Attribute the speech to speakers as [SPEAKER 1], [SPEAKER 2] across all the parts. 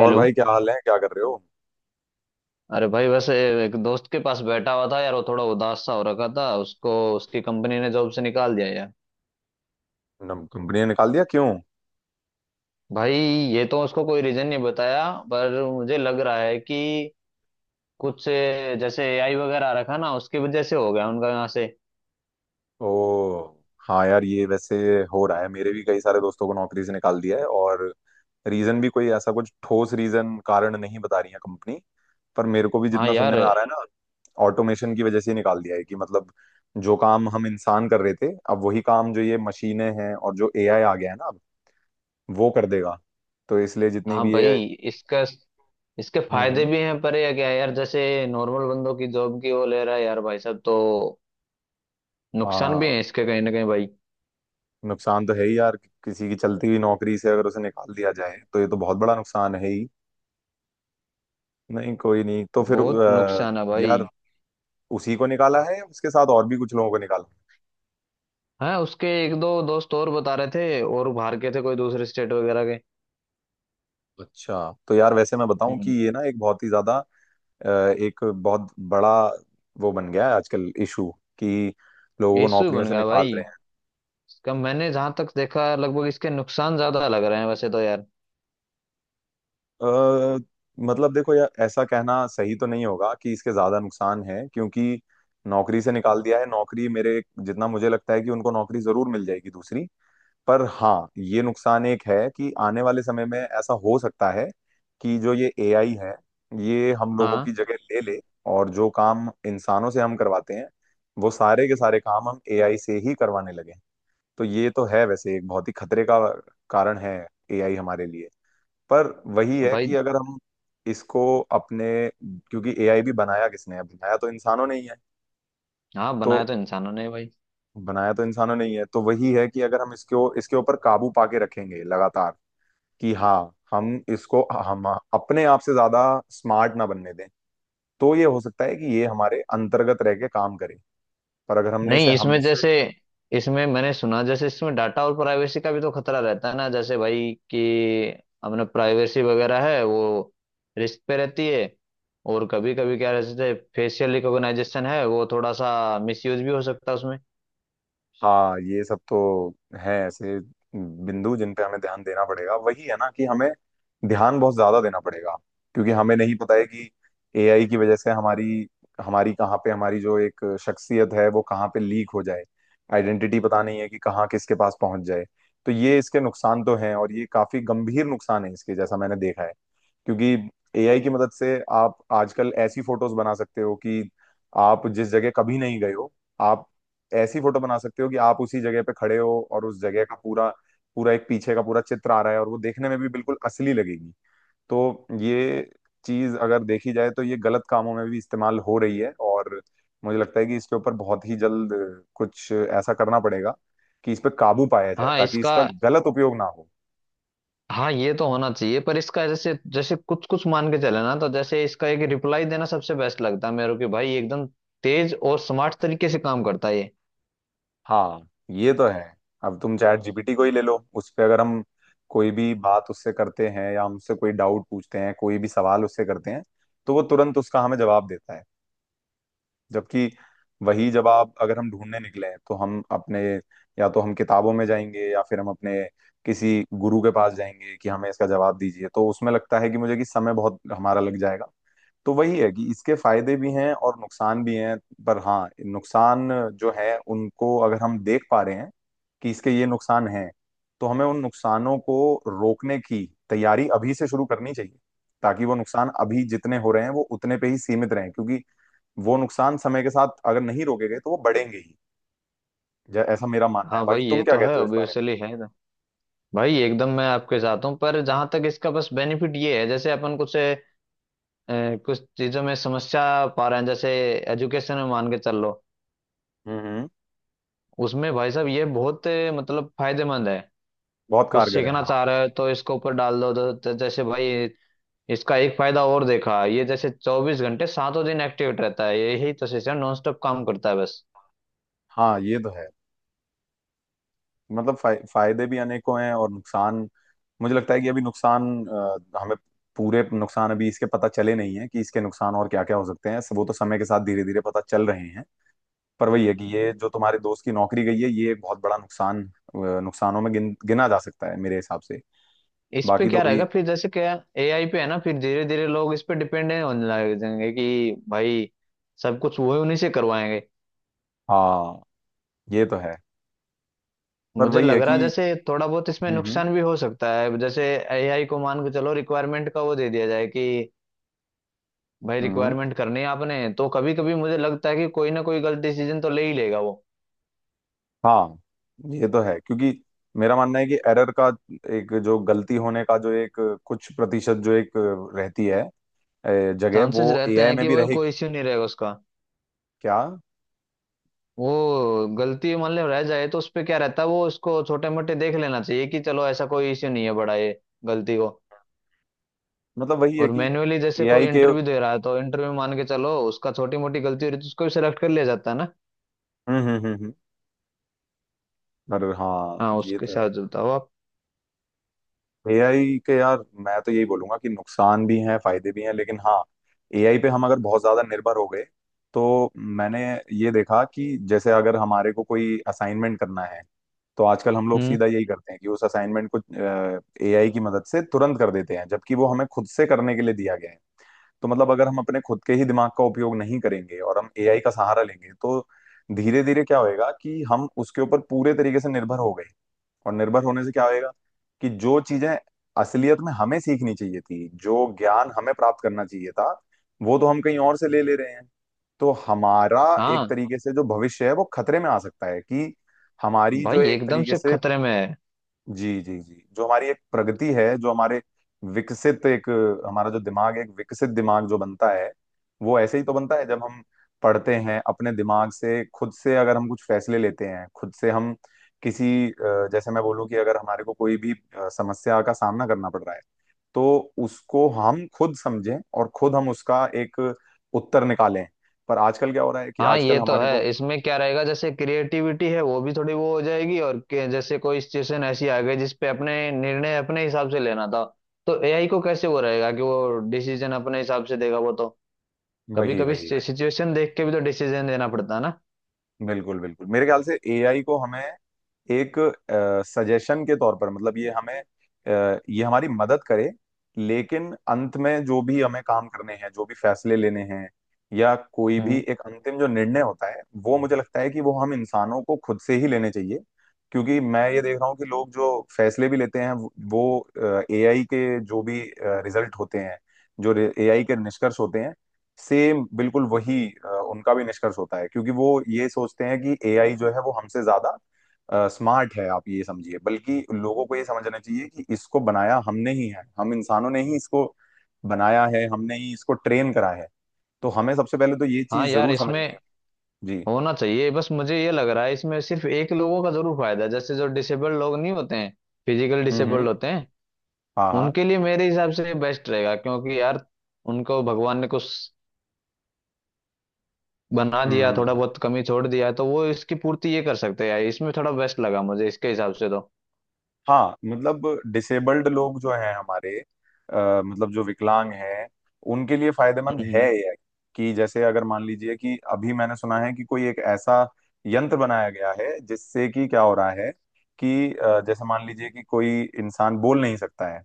[SPEAKER 1] और भाई क्या हाल है? क्या कर रहे हो?
[SPEAKER 2] अरे भाई वैसे एक दोस्त के पास बैठा हुआ था यार। वो थोड़ा उदास सा हो रखा था उसको। उसकी कंपनी ने जॉब से निकाल दिया यार।
[SPEAKER 1] कंपनी ने निकाल दिया? क्यों?
[SPEAKER 2] भाई ये तो उसको कोई रीजन नहीं बताया, पर मुझे लग रहा है कि कुछ जैसे एआई वगैरह आ रखा ना, उसकी वजह से हो गया उनका यहाँ से।
[SPEAKER 1] ओ, हाँ यार, ये वैसे हो रहा है। मेरे भी कई सारे दोस्तों को नौकरी से निकाल दिया है। और रीजन भी कोई ऐसा कुछ ठोस रीजन कारण नहीं बता रही है कंपनी। पर मेरे को भी
[SPEAKER 2] हाँ
[SPEAKER 1] जितना
[SPEAKER 2] यार।
[SPEAKER 1] सुनने में आ रहा है ना, ऑटोमेशन की वजह से ही निकाल दिया है। कि मतलब जो काम हम इंसान कर रहे थे, अब वही काम जो ये मशीनें हैं और जो एआई आ गया है ना, अब वो कर देगा। तो इसलिए जितनी
[SPEAKER 2] हाँ
[SPEAKER 1] भी ये।
[SPEAKER 2] भाई, इसका इसके
[SPEAKER 1] हम्म
[SPEAKER 2] फायदे
[SPEAKER 1] हम्म।
[SPEAKER 2] भी हैं, पर ये क्या है यार, जैसे नॉर्मल बंदों की जॉब की वो ले रहा है यार, भाई साहब। तो नुकसान भी
[SPEAKER 1] हाँ,
[SPEAKER 2] है इसके कहीं ना कहीं भाई।
[SPEAKER 1] नुकसान तो है ही यार। किसी की चलती हुई नौकरी से अगर उसे निकाल दिया जाए तो ये तो बहुत बड़ा नुकसान है ही। नहीं कोई नहीं, तो फिर
[SPEAKER 2] बहुत नुकसान है
[SPEAKER 1] यार
[SPEAKER 2] भाई।
[SPEAKER 1] उसी को निकाला है या उसके साथ और भी कुछ लोगों को निकाला?
[SPEAKER 2] हाँ, उसके एक दो दोस्त और बता रहे थे, और बाहर के थे कोई दूसरे स्टेट वगैरह के।
[SPEAKER 1] अच्छा। तो यार वैसे मैं बताऊं कि
[SPEAKER 2] हम्म
[SPEAKER 1] ये ना एक बहुत ही ज्यादा, एक बहुत बड़ा वो बन गया है आजकल इशू। कि लोगों
[SPEAKER 2] ये
[SPEAKER 1] को
[SPEAKER 2] इशू ही
[SPEAKER 1] नौकरियों
[SPEAKER 2] बन
[SPEAKER 1] से
[SPEAKER 2] गया
[SPEAKER 1] निकाल
[SPEAKER 2] भाई।
[SPEAKER 1] रहे हैं।
[SPEAKER 2] इसका मैंने जहां तक देखा, लगभग इसके नुकसान ज्यादा लग रहे हैं वैसे तो यार।
[SPEAKER 1] अ, मतलब देखो यार, ऐसा कहना सही तो नहीं होगा कि इसके ज्यादा नुकसान है, क्योंकि नौकरी से निकाल दिया है नौकरी। मेरे जितना मुझे लगता है कि उनको नौकरी जरूर मिल जाएगी दूसरी। पर हाँ, ये नुकसान एक है कि आने वाले समय में ऐसा हो सकता है कि जो ये एआई है, ये हम लोगों
[SPEAKER 2] हाँ
[SPEAKER 1] की जगह ले ले। और जो काम इंसानों से हम करवाते हैं, वो सारे के सारे काम हम एआई से ही करवाने लगे। तो ये तो है वैसे एक बहुत ही खतरे का कारण है एआई हमारे लिए। पर वही है कि
[SPEAKER 2] भाई।
[SPEAKER 1] अगर हम इसको अपने, क्योंकि एआई भी बनाया किसने है? बनाया तो इंसानों ने ही है।
[SPEAKER 2] हाँ,
[SPEAKER 1] तो
[SPEAKER 2] बनाया तो इंसानों ने भाई।
[SPEAKER 1] बनाया तो इंसानों ने ही है, तो वही है कि अगर हम इसको, इसके ऊपर काबू पाके रखेंगे लगातार, कि हाँ हम इसको, हम अपने आप से ज्यादा स्मार्ट ना बनने दें, तो ये हो सकता है कि ये हमारे अंतर्गत रह के काम करे। पर अगर हमने इसे
[SPEAKER 2] नहीं, इसमें
[SPEAKER 1] हमसे।
[SPEAKER 2] जैसे इसमें मैंने सुना, जैसे इसमें डाटा और प्राइवेसी का भी तो खतरा रहता है ना, जैसे भाई कि अपना प्राइवेसी वगैरह है, वो रिस्क पे रहती है। और कभी कभी क्या रहता है, फेशियल रिकॉग्नाइजेशन है, वो थोड़ा सा मिसयूज भी हो सकता है उसमें।
[SPEAKER 1] हाँ, ये सब तो है ऐसे बिंदु जिन पे हमें ध्यान देना पड़ेगा। वही है ना, कि हमें ध्यान बहुत ज्यादा देना पड़ेगा, क्योंकि हमें नहीं पता है कि एआई की वजह से हमारी, हमारी कहाँ पे, हमारी जो एक शख्सियत है वो कहाँ पे लीक हो जाए। आइडेंटिटी, पता नहीं है कि कहाँ किसके पास पहुंच जाए। तो ये इसके नुकसान तो हैं, और ये काफी गंभीर नुकसान है इसके, जैसा मैंने देखा है। क्योंकि एआई की मदद से आप आजकल ऐसी फोटोज बना सकते हो कि आप जिस जगह कभी नहीं गए हो, आप ऐसी फोटो बना सकते हो कि आप उसी जगह पे खड़े हो और उस जगह का पूरा, पूरा एक पीछे का पूरा चित्र आ रहा है, और वो देखने में भी बिल्कुल असली लगेगी। तो ये चीज अगर देखी जाए तो ये गलत कामों में भी इस्तेमाल हो रही है। और मुझे लगता है कि इसके ऊपर बहुत ही जल्द कुछ ऐसा करना पड़ेगा कि इस पे काबू पाया जाए,
[SPEAKER 2] हाँ,
[SPEAKER 1] ताकि
[SPEAKER 2] इसका।
[SPEAKER 1] इसका गलत उपयोग ना हो।
[SPEAKER 2] हाँ, ये तो होना चाहिए, पर इसका जैसे जैसे कुछ कुछ मान के चले ना, तो जैसे इसका एक रिप्लाई देना सबसे बेस्ट लगता है मेरे को कि भाई एकदम तेज और स्मार्ट तरीके से काम करता है ये।
[SPEAKER 1] हाँ, ये तो है। अब तुम चैट जीपीटी को ही ले लो। उस पे अगर हम कोई भी बात उससे करते हैं, या हमसे कोई डाउट पूछते हैं, कोई भी सवाल उससे करते हैं, तो वो तुरंत उसका हमें जवाब देता है। जबकि वही जवाब अगर हम ढूंढने निकले हैं तो हम अपने, या तो हम किताबों में जाएंगे, या फिर हम अपने किसी गुरु के पास जाएंगे कि हमें इसका जवाब दीजिए, तो उसमें लगता है कि मुझे कि समय बहुत हमारा लग जाएगा। तो वही है कि इसके फायदे भी हैं और नुकसान भी हैं। पर हाँ, नुकसान जो है उनको अगर हम देख पा रहे हैं कि इसके ये नुकसान हैं, तो हमें उन नुकसानों को रोकने की तैयारी अभी से शुरू करनी चाहिए, ताकि वो नुकसान अभी जितने हो रहे हैं वो उतने पे ही सीमित रहें। क्योंकि वो नुकसान समय के साथ अगर नहीं रोके गए तो वो बढ़ेंगे ही। ऐसा मेरा मानना है।
[SPEAKER 2] हाँ
[SPEAKER 1] बाकी
[SPEAKER 2] भाई, ये
[SPEAKER 1] तुम क्या
[SPEAKER 2] तो है
[SPEAKER 1] कहते हो इस बारे में?
[SPEAKER 2] ऑब्वियसली है ना। भाई एकदम मैं आपके साथ हूँ, पर जहां तक इसका बस बेनिफिट ये है, जैसे अपन कुछ कुछ चीजों में समस्या पा रहे हैं, जैसे एजुकेशन में मान के चल लो।
[SPEAKER 1] हम्म।
[SPEAKER 2] उसमें भाई साहब ये बहुत मतलब फायदेमंद है।
[SPEAKER 1] बहुत
[SPEAKER 2] कुछ
[SPEAKER 1] कारगर है
[SPEAKER 2] सीखना
[SPEAKER 1] हाँ।
[SPEAKER 2] चाह रहे हो तो इसके ऊपर डाल दो, तो जैसे भाई इसका एक फायदा और देखा, ये जैसे 24 घंटे सातों दिन एक्टिव रहता है। यही तो सिस्टम नॉन स्टॉप काम करता है बस।
[SPEAKER 1] हाँ, ये तो है। मतलब फायदे भी अनेकों हैं और नुकसान, मुझे लगता है कि अभी नुकसान हमें पूरे नुकसान अभी इसके पता चले नहीं है कि इसके नुकसान और क्या क्या हो सकते हैं। वो तो समय के साथ धीरे धीरे पता चल रहे हैं। पर वही है कि ये जो तुम्हारे दोस्त की नौकरी गई है, ये एक बहुत बड़ा नुकसान, नुकसानों में गिना जा सकता है मेरे हिसाब से।
[SPEAKER 2] इस पे
[SPEAKER 1] बाकी तो
[SPEAKER 2] क्या
[SPEAKER 1] वही।
[SPEAKER 2] रहेगा फिर, जैसे क्या एआई पे है ना, फिर धीरे धीरे लोग इस पे डिपेंडेंट होने लग जाएंगे कि भाई सब कुछ वो उन्हीं से करवाएंगे।
[SPEAKER 1] हाँ, ये तो है। पर
[SPEAKER 2] मुझे
[SPEAKER 1] वही है
[SPEAKER 2] लग रहा है
[SPEAKER 1] कि।
[SPEAKER 2] जैसे थोड़ा बहुत इसमें
[SPEAKER 1] हम्म हम्म
[SPEAKER 2] नुकसान भी हो सकता है, जैसे एआई को मान के चलो रिक्वायरमेंट का वो दे दिया जाए कि भाई
[SPEAKER 1] हम्म,
[SPEAKER 2] रिक्वायरमेंट करनी है आपने, तो कभी कभी मुझे लगता है कि कोई ना कोई गलत डिसीजन तो ले ही लेगा वो।
[SPEAKER 1] हाँ, ये तो है। क्योंकि मेरा मानना है कि एरर का एक जो गलती होने का जो एक कुछ प्रतिशत जो एक रहती है जगह,
[SPEAKER 2] चांसेस
[SPEAKER 1] वो
[SPEAKER 2] रहते
[SPEAKER 1] एआई
[SPEAKER 2] हैं
[SPEAKER 1] में
[SPEAKER 2] कि
[SPEAKER 1] भी
[SPEAKER 2] वो कोई
[SPEAKER 1] रहेगी।
[SPEAKER 2] इश्यू नहीं रहेगा उसका।
[SPEAKER 1] क्या?
[SPEAKER 2] वो गलती मान लो रह जाए, तो उस पे क्या रहता है, वो उसको छोटे मोटे देख लेना चाहिए कि चलो ऐसा कोई इश्यू नहीं है बड़ा ये गलती को।
[SPEAKER 1] मतलब वही है
[SPEAKER 2] और
[SPEAKER 1] कि
[SPEAKER 2] मैन्युअली जैसे कोई
[SPEAKER 1] एआई के।
[SPEAKER 2] इंटरव्यू दे रहा है, तो इंटरव्यू मान के चलो उसका छोटी मोटी गलती हो रही है, तो उसको भी सिलेक्ट कर लिया जाता है ना।
[SPEAKER 1] हम्म हम्म हम्म हम्म। अरे हाँ,
[SPEAKER 2] हाँ,
[SPEAKER 1] ये
[SPEAKER 2] उसके
[SPEAKER 1] तो है।
[SPEAKER 2] साथ जुड़ता हो आप।
[SPEAKER 1] एआई के यार, मैं तो यही बोलूंगा कि नुकसान भी हैं, फायदे भी हैं, लेकिन हाँ, एआई पे हम अगर बहुत ज्यादा निर्भर हो गए तो, मैंने ये देखा कि जैसे अगर हमारे को कोई असाइनमेंट करना है, तो आजकल हम लोग
[SPEAKER 2] हम्म।
[SPEAKER 1] सीधा यही करते हैं कि उस असाइनमेंट को एआई की मदद से तुरंत कर देते हैं, जबकि वो हमें खुद से करने के लिए दिया गया है। तो मतलब अगर हम अपने खुद के ही दिमाग का उपयोग नहीं करेंगे और हम एआई का सहारा लेंगे तो धीरे धीरे क्या होएगा कि हम उसके ऊपर पूरे तरीके से निर्भर हो गए। और निर्भर होने से क्या होएगा कि जो चीजें असलियत में हमें सीखनी चाहिए थी, जो ज्ञान हमें प्राप्त करना चाहिए था, वो तो हम कहीं और से ले ले रहे हैं। तो हमारा एक
[SPEAKER 2] हाँ
[SPEAKER 1] तरीके से जो भविष्य है वो खतरे में आ सकता है कि हमारी जो
[SPEAKER 2] भाई
[SPEAKER 1] एक
[SPEAKER 2] एकदम
[SPEAKER 1] तरीके
[SPEAKER 2] से
[SPEAKER 1] से,
[SPEAKER 2] खतरे में है।
[SPEAKER 1] जी जी जी, जो हमारी एक प्रगति है, जो हमारे विकसित एक, हमारा जो दिमाग है, एक विकसित दिमाग जो बनता है, वो ऐसे ही तो बनता है जब हम पढ़ते हैं अपने दिमाग से, खुद से अगर हम कुछ फैसले लेते हैं, खुद से हम किसी जैसे मैं बोलूँ कि अगर हमारे को कोई भी समस्या का सामना करना पड़ रहा है, तो उसको हम खुद समझें और खुद हम उसका एक उत्तर निकालें। पर आजकल क्या हो रहा है कि
[SPEAKER 2] हाँ
[SPEAKER 1] आजकल
[SPEAKER 2] ये तो
[SPEAKER 1] हमारे को,
[SPEAKER 2] है, इसमें क्या रहेगा, जैसे क्रिएटिविटी है वो भी थोड़ी वो हो जाएगी और जैसे कोई सिचुएशन ऐसी आ गई जिसपे अपने निर्णय अपने हिसाब से लेना था, तो एआई को कैसे वो रहेगा कि वो डिसीजन अपने हिसाब से देगा वो तो, कभी
[SPEAKER 1] वही
[SPEAKER 2] कभी
[SPEAKER 1] वही,
[SPEAKER 2] सिचुएशन देख के भी तो डिसीजन देना पड़ता है ना।
[SPEAKER 1] बिल्कुल बिल्कुल। मेरे ख्याल से एआई को हमें एक सजेशन के तौर पर, मतलब ये हमें, ये हमारी मदद करे, लेकिन अंत में जो भी हमें काम करने हैं, जो भी फैसले लेने हैं, या कोई भी
[SPEAKER 2] हम्म।
[SPEAKER 1] एक अंतिम जो निर्णय होता है, वो मुझे लगता है कि वो हम इंसानों को खुद से ही लेने चाहिए। क्योंकि मैं ये देख रहा हूँ कि लोग जो फैसले भी लेते हैं, वो एआई के जो भी रिजल्ट होते हैं, जो एआई के निष्कर्ष होते हैं, सेम बिल्कुल वही उनका भी निष्कर्ष होता है। क्योंकि वो ये सोचते हैं कि एआई जो है वो हमसे ज्यादा स्मार्ट है। आप ये समझिए, बल्कि लोगों को ये समझना चाहिए कि इसको बनाया हमने ही है, हम इंसानों ने ही इसको बनाया है, हमने ही इसको ट्रेन करा है। तो हमें सबसे पहले तो ये
[SPEAKER 2] हाँ
[SPEAKER 1] चीज
[SPEAKER 2] यार,
[SPEAKER 1] जरूर
[SPEAKER 2] इसमें
[SPEAKER 1] समझनी है। जी।
[SPEAKER 2] होना चाहिए, बस मुझे ये लग रहा है इसमें सिर्फ एक लोगों का जरूर फायदा है, जैसे जो डिसेबल्ड लोग नहीं होते हैं, फिजिकल
[SPEAKER 1] हम्म।
[SPEAKER 2] डिसेबल्ड होते हैं,
[SPEAKER 1] हाँ हाँ।
[SPEAKER 2] उनके लिए मेरे हिसाब से बेस्ट रहेगा क्योंकि यार उनको भगवान ने कुछ बना
[SPEAKER 1] हम्म
[SPEAKER 2] दिया,
[SPEAKER 1] हम्म
[SPEAKER 2] थोड़ा
[SPEAKER 1] हम्म।
[SPEAKER 2] बहुत कमी छोड़ दिया है, तो वो इसकी पूर्ति ये कर सकते हैं यार, इसमें थोड़ा बेस्ट लगा मुझे इसके हिसाब से तो।
[SPEAKER 1] हाँ मतलब डिसेबल्ड लोग जो हैं हमारे, मतलब जो विकलांग हैं, उनके लिए फायदेमंद है
[SPEAKER 2] हम्म।
[SPEAKER 1] ये। कि जैसे अगर मान लीजिए, कि अभी मैंने सुना है कि कोई एक ऐसा यंत्र बनाया गया है जिससे कि क्या हो रहा है कि जैसे मान लीजिए कि कोई इंसान बोल नहीं सकता है,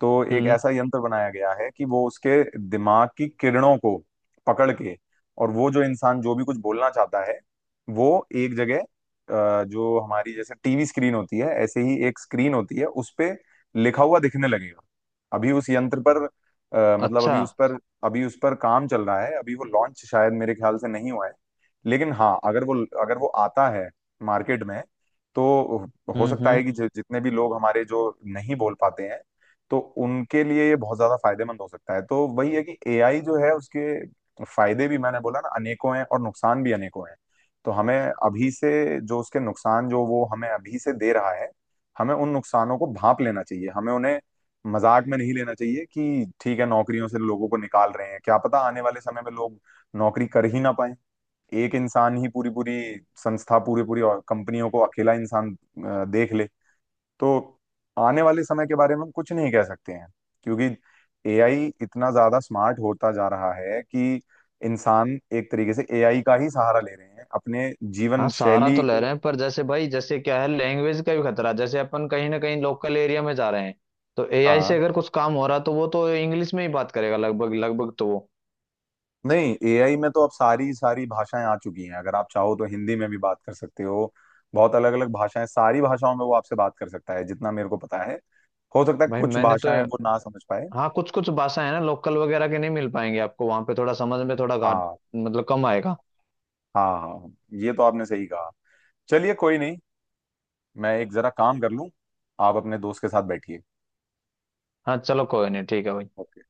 [SPEAKER 1] तो एक
[SPEAKER 2] हम्म।
[SPEAKER 1] ऐसा यंत्र बनाया गया है कि वो उसके दिमाग की किरणों को पकड़ के, और वो जो इंसान जो भी कुछ बोलना चाहता है, वो एक जगह जो हमारी जैसे टीवी स्क्रीन होती है, ऐसे ही एक स्क्रीन होती है उस पे लिखा हुआ दिखने लगेगा। अभी उस यंत्र पर मतलब
[SPEAKER 2] अच्छा।
[SPEAKER 1] अभी उस पर, अभी उस पर काम चल रहा है। अभी वो लॉन्च शायद मेरे ख्याल से नहीं हुआ है। लेकिन हाँ, अगर वो, अगर वो आता है मार्केट में, तो हो सकता
[SPEAKER 2] हम्म।
[SPEAKER 1] है कि जितने भी लोग हमारे जो नहीं बोल पाते हैं, तो उनके लिए ये बहुत ज्यादा फायदेमंद हो सकता है। तो वही है कि एआई जो है उसके फायदे भी मैंने बोला ना अनेकों हैं और नुकसान भी अनेकों हैं। तो हमें अभी से जो उसके नुकसान जो वो हमें अभी से दे रहा है, हमें उन नुकसानों को भांप लेना चाहिए। हमें उन्हें मजाक में नहीं लेना चाहिए, कि ठीक है नौकरियों से लोगों को निकाल रहे हैं, क्या पता आने वाले समय में लोग नौकरी कर ही ना पाए। एक इंसान ही पूरी पूरी संस्था, पूरी पूरी और कंपनियों को अकेला इंसान देख ले। तो आने वाले समय के बारे में हम कुछ नहीं कह सकते हैं, क्योंकि एआई इतना ज्यादा स्मार्ट होता जा रहा है कि इंसान एक तरीके से एआई का ही सहारा ले रहे हैं अपने
[SPEAKER 2] हाँ,
[SPEAKER 1] जीवन
[SPEAKER 2] सहारा
[SPEAKER 1] शैली
[SPEAKER 2] तो ले
[SPEAKER 1] को।
[SPEAKER 2] रहे हैं, पर जैसे भाई जैसे क्या है, लैंग्वेज का भी खतरा है। जैसे अपन कहीं ना कहीं लोकल एरिया में जा रहे हैं, तो एआई से
[SPEAKER 1] हाँ,
[SPEAKER 2] अगर कुछ काम हो रहा तो वो तो इंग्लिश में ही बात करेगा लगभग लगभग तो वो।
[SPEAKER 1] नहीं एआई में तो अब सारी सारी भाषाएं आ चुकी हैं, अगर आप चाहो तो हिंदी में भी बात कर सकते हो। बहुत अलग अलग भाषाएं, सारी भाषाओं में वो आपसे बात कर सकता है जितना मेरे को पता है। हो सकता है
[SPEAKER 2] भाई
[SPEAKER 1] कुछ
[SPEAKER 2] मैंने तो।
[SPEAKER 1] भाषाएं वो ना समझ पाए।
[SPEAKER 2] हाँ, कुछ कुछ भाषा है ना लोकल वगैरह के, नहीं मिल पाएंगे आपको, वहां पे थोड़ा समझ में थोड़ा घाट
[SPEAKER 1] हाँ
[SPEAKER 2] मतलब कम आएगा।
[SPEAKER 1] हाँ, हाँ ये तो आपने सही कहा। चलिए कोई नहीं, मैं एक जरा काम कर लूं, आप अपने दोस्त के साथ बैठिए।
[SPEAKER 2] हाँ चलो, कोई नहीं, ठीक है भाई।
[SPEAKER 1] ओके।